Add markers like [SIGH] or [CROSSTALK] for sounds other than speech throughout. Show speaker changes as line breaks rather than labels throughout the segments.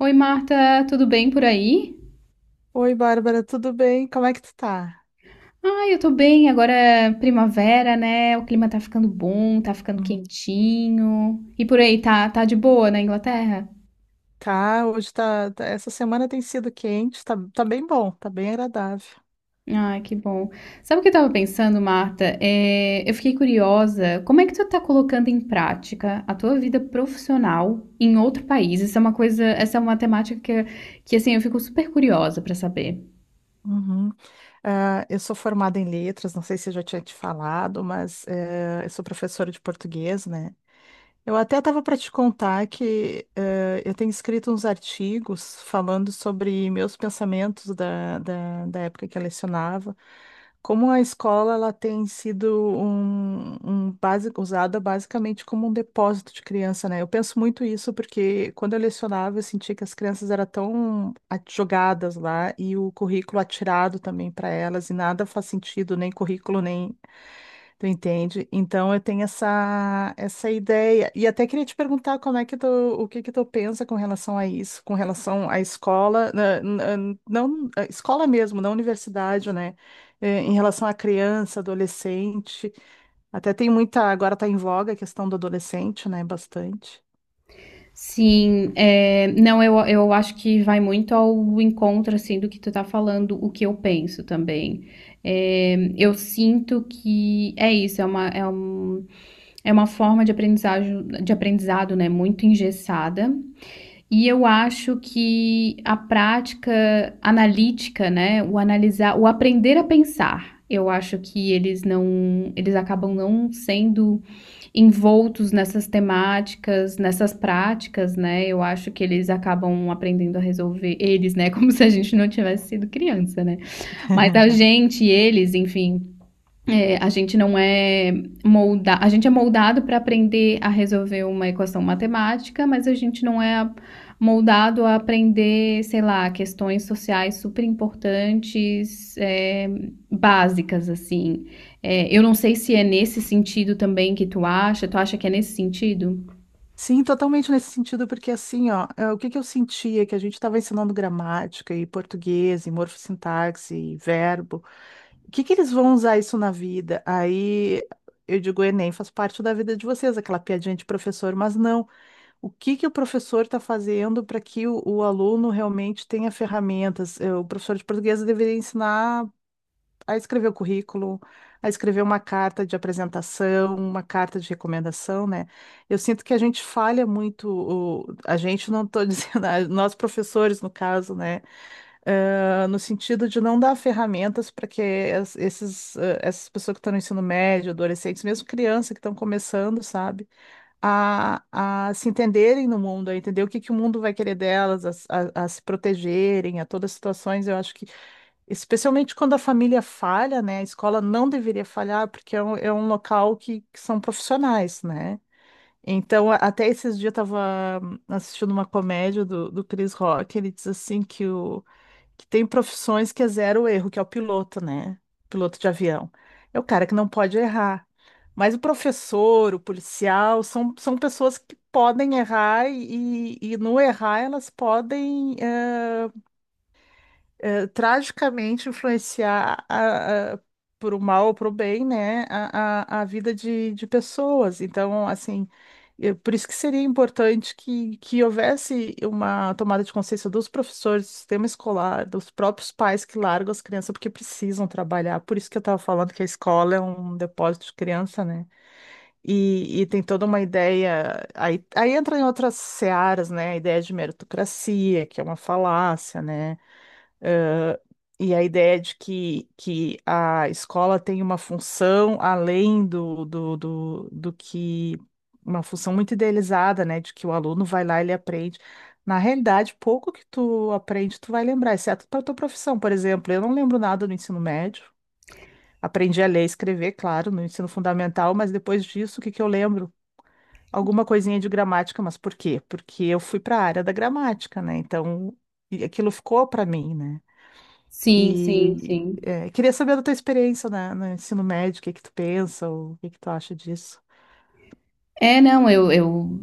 Oi, Marta, tudo bem por aí?
Oi, Bárbara, tudo bem? Como é que tu tá?
Ah, eu tô bem. Agora é primavera, né? O clima tá ficando bom, tá ficando
Hum,
quentinho. E por aí, tá de boa na Inglaterra?
tá, hoje tá, essa semana tem sido quente, tá, tá bem bom, tá bem agradável.
Ah, que bom. Sabe o que eu tava pensando, Marta? É, eu fiquei curiosa. Como é que tu tá colocando em prática a tua vida profissional em outro país? Isso é uma coisa, essa é uma temática que assim, eu fico super curiosa pra saber.
Uhum. Ah, eu sou formada em letras, não sei se eu já tinha te falado, mas eu sou professora de português, né? Eu até estava para te contar que eu tenho escrito uns artigos falando sobre meus pensamentos da época que eu lecionava, como a escola ela tem sido um, usada basicamente como um depósito de criança, né? Eu penso muito isso porque quando eu lecionava eu sentia que as crianças eram tão jogadas lá e o currículo atirado também para elas e nada faz sentido, nem currículo, nem tu entende? Então eu tenho essa ideia e até queria te perguntar como é que tu, o que que tu pensa com relação a isso, com relação à escola, na- na- não, à escola mesmo, na universidade, né? Em relação à criança, adolescente, até tem muita, agora está em voga a questão do adolescente, né? Bastante.
Sim, é, não, eu acho que vai muito ao encontro, assim, do que tu tá falando, o que eu penso também. É, eu sinto que é isso, é uma forma de aprendizagem, de aprendizado, né, muito engessada. E eu acho que a prática analítica, né, o analisar, o aprender a pensar, eu acho que eles acabam não sendo envoltos nessas temáticas, nessas práticas, né? Eu acho que eles acabam aprendendo a resolver eles, né? [LAUGHS] Como se a gente não tivesse sido criança, né? Mas a
[LAUGHS]
gente, eles, enfim, é, a gente não é moldado a gente é moldado para aprender a resolver uma equação matemática, mas a gente não é a- moldado a aprender, sei lá, questões sociais super importantes, é, básicas assim. É, eu não sei se é nesse sentido também que tu acha. Tu acha que é nesse sentido?
Sim, totalmente nesse sentido, porque assim, ó, o que que eu sentia que a gente estava ensinando gramática e português e morfossintaxe e verbo. O que que eles vão usar isso na vida? Aí eu digo, o Enem faz parte da vida de vocês, aquela piadinha de professor, mas não. O que que o professor está fazendo para que o aluno realmente tenha ferramentas? O professor de português deveria ensinar a escrever o currículo, a escrever uma carta de apresentação, uma carta de recomendação, né? Eu sinto que a gente falha muito, a gente não estou [LAUGHS] dizendo, nós professores, no caso, né? No sentido de não dar ferramentas para que esses, essas pessoas que estão no ensino médio, adolescentes, mesmo criança que estão começando, sabe, a, a se entenderem no mundo, a entender o que, que o mundo vai querer delas, a se protegerem, a todas as situações. Eu acho que, especialmente quando a família falha, né, a escola não deveria falhar, porque é um local que são profissionais, né? Então, até esses dias eu estava assistindo uma comédia do Chris Rock, ele diz assim que o que tem profissões que é zero erro, que é o piloto, né? Piloto de avião. É o cara que não pode errar. Mas o professor, o policial, são, são pessoas que podem errar e no errar elas podem. Tragicamente influenciar por o mal ou para o bem, né, a vida de pessoas. Então, assim, por isso que seria importante que houvesse uma tomada de consciência dos professores, do sistema escolar, dos próprios pais que largam as crianças porque precisam trabalhar. Por isso que eu estava falando que a escola é um depósito de criança, né? E tem toda uma ideia. Aí, aí entra em outras searas, né? A ideia de meritocracia, que é uma falácia, né? E a ideia de que a escola tem uma função além do que uma função muito idealizada, né? De que o aluno vai lá e ele aprende. Na realidade, pouco que tu aprende, tu vai lembrar, exceto para tua profissão, por exemplo. Eu não lembro nada do ensino médio. Aprendi a ler e escrever, claro, no ensino fundamental, mas depois disso, o que que eu lembro? Alguma coisinha de gramática, mas por quê? Porque eu fui para a área da gramática, né? Então, e aquilo ficou para mim, né?
Sim, sim,
E
sim.
é, queria saber da tua experiência no ensino médio, o que que tu pensa, ou o que que tu acha disso?
É, não, eu,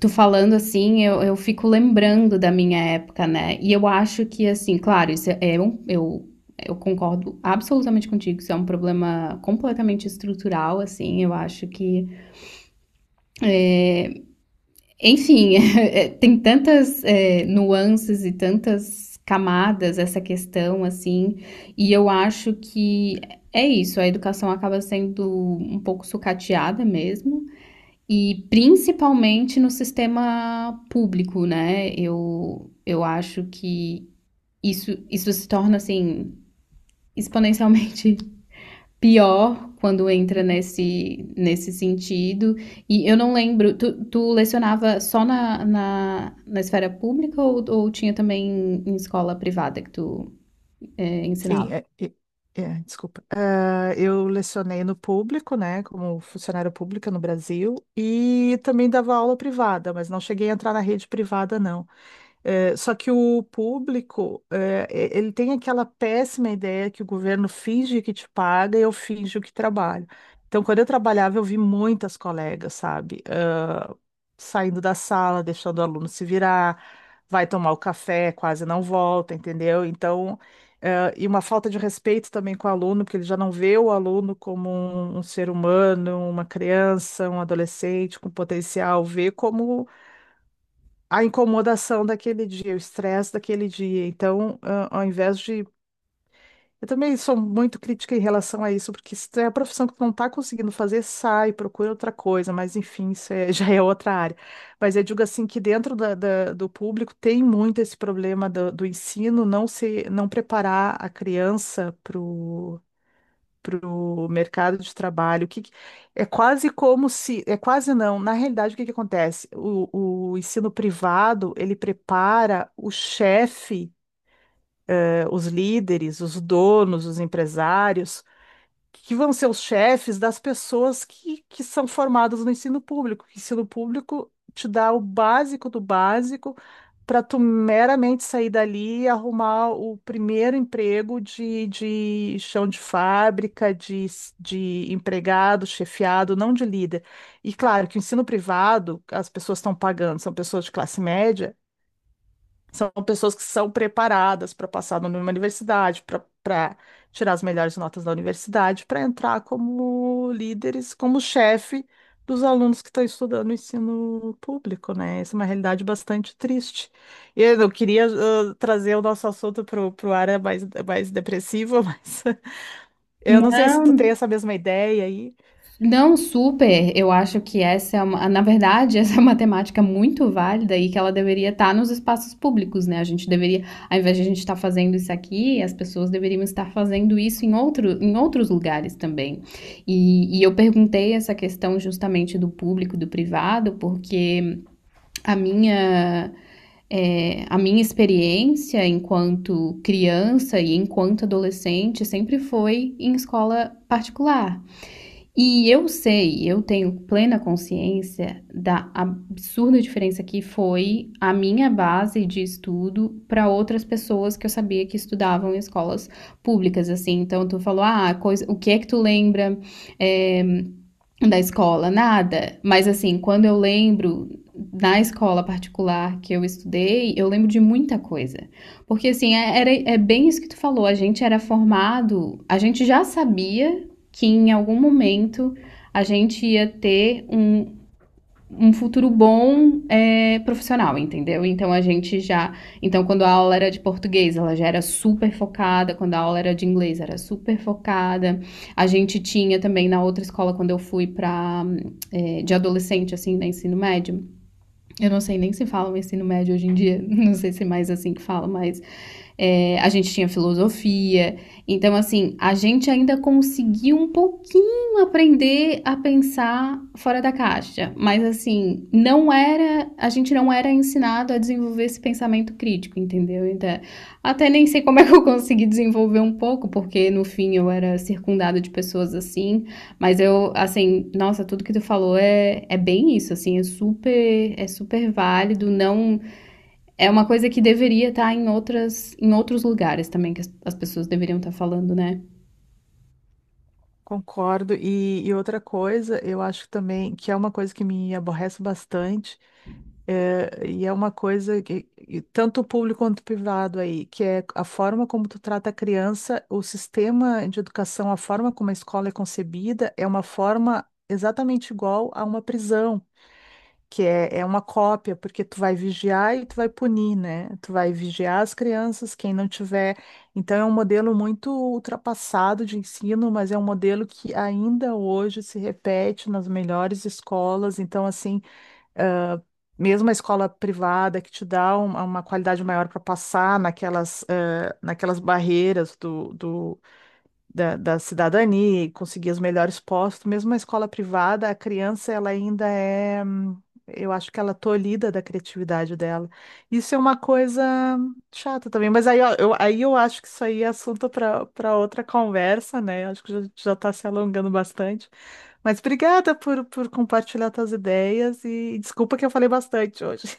tu falando assim, eu fico lembrando da minha época, né? E eu acho que, assim, claro, eu concordo absolutamente contigo, isso é um problema completamente estrutural, assim, eu acho que, enfim, [LAUGHS] é, tem tantas, é, nuances e tantas camadas essa questão, assim, e eu acho que é isso, a educação acaba sendo um pouco sucateada mesmo. E principalmente no sistema público, né? Eu acho que isso se torna assim exponencialmente [LAUGHS] pior quando entra nesse sentido. E eu não lembro, tu lecionava só na esfera pública ou tinha também em escola privada que tu é,
Sim,
ensinava?
desculpa. Ah, eu lecionei no público, né, como funcionária pública no Brasil, e também dava aula privada, mas não cheguei a entrar na rede privada, não. Só que o público, ele tem aquela péssima ideia que o governo finge que te paga e eu finjo que trabalho. Então, quando eu trabalhava, eu vi muitas colegas, sabe? Saindo da sala, deixando o aluno se virar, vai tomar o café, quase não volta, entendeu? Então, e uma falta de respeito também com o aluno, porque ele já não vê o aluno como um ser humano, uma criança, um adolescente com potencial, vê como a incomodação daquele dia, o estresse daquele dia. Então, ao invés de eu também sou muito crítica em relação a isso, porque se é a profissão que tu não tá conseguindo fazer, sai, procura outra coisa, mas enfim, [LAUGHS] já é outra área. Mas eu digo assim que dentro do público tem muito esse problema do ensino não se, não preparar a criança para o mercado de trabalho. É quase como se, é quase não, na realidade o que que acontece? O ensino privado, ele prepara o chefe, os líderes, os donos, os empresários que vão ser os chefes das pessoas que são formadas no ensino público. O ensino público te dá o básico do básico para tu meramente sair dali e arrumar o primeiro emprego de chão de fábrica, de empregado, chefiado, não de líder. E claro que o ensino privado, as pessoas estão pagando, são pessoas de classe média, são pessoas que são preparadas para passar numa universidade, para tirar as melhores notas da universidade, para entrar como líderes, como chefe dos alunos que estão estudando o ensino público, né? Essa é uma realidade bastante triste. E eu queria trazer o nosso assunto para o área mais, é mais depressiva, [LAUGHS] mas eu não
Não,
sei se tu tem essa mesma ideia aí.
não, super. Eu acho que essa é uma, na verdade, [LAUGHS] essa é uma temática muito válida e que ela deveria estar nos espaços públicos, né? A gente deveria, ao invés de a gente estar fazendo isso aqui, as pessoas deveriam estar fazendo isso em outro, em outros lugares também. E eu perguntei essa questão justamente do público e do privado, porque a minha é, a minha experiência enquanto criança e enquanto adolescente sempre foi em escola particular, e eu sei, eu tenho plena consciência da absurda diferença que foi a minha base de estudo para outras pessoas que eu sabia que estudavam em escolas públicas, assim. Então, tu falou, ah, coisa, o que é que tu lembra? É, da escola, nada. Mas assim, quando eu lembro da escola particular que eu estudei, eu lembro de muita coisa. Porque assim, era, é bem isso que tu falou, a gente era formado, a gente já sabia que em algum momento a gente ia ter um, um futuro bom é, profissional, entendeu? Então a gente já. Então, quando a aula era de português, ela já era super focada, quando a aula era de inglês, era super focada. A gente tinha também na outra escola, quando eu fui para é, de adolescente, assim, no ensino médio. Eu não sei nem se falam ensino médio hoje em dia, [LAUGHS] não sei se é mais assim que falam, mas é, a gente tinha filosofia. Então, assim, a gente ainda conseguiu um pouquinho aprender a pensar fora da caixa. Mas, assim, não era. A gente não era ensinado a desenvolver esse pensamento crítico, entendeu? Então, até nem sei como é que eu consegui desenvolver um pouco, porque no fim eu era circundada de pessoas assim. Mas eu, assim, nossa, tudo que tu falou é, é bem isso, assim, é super válido, não é uma coisa que deveria estar em, outras, em outros lugares também, que as pessoas deveriam estar falando, né?
Concordo. E outra coisa, eu acho também que é uma coisa que me aborrece bastante. É, e é uma coisa que, e tanto público quanto privado aí, que é a forma como tu trata a criança, o sistema de educação, a forma como a escola é concebida, é uma forma exatamente igual a uma prisão, que é, é uma cópia, porque tu vai vigiar e tu vai punir, né? Tu vai vigiar as crianças, quem não tiver. Então é um modelo muito ultrapassado de ensino, mas é um modelo que ainda hoje se repete nas melhores escolas. Então, assim, mesmo a escola privada que te dá uma qualidade maior para passar naquelas, naquelas barreiras da cidadania e conseguir os melhores postos, mesmo a escola privada, a criança ela ainda é, eu acho que ela é tolhida da criatividade dela. Isso é uma coisa chata também, mas aí ó, eu, aí eu acho que isso aí é assunto para para outra conversa, né? Acho que já, já está se alongando bastante. Mas obrigada por compartilhar tuas ideias e desculpa que eu falei bastante hoje.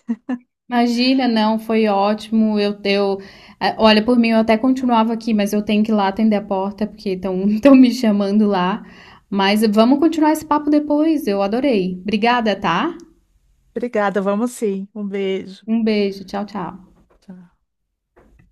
Imagina, não, foi ótimo. Olha, por mim eu até continuava aqui, mas eu tenho que ir lá atender a porta porque estão [LAUGHS] me chamando lá. Mas vamos continuar esse papo depois. Eu adorei. Obrigada, tá?
[LAUGHS] Obrigada, vamos sim. Um beijo.
Um beijo. Tchau, tchau.
Tchau.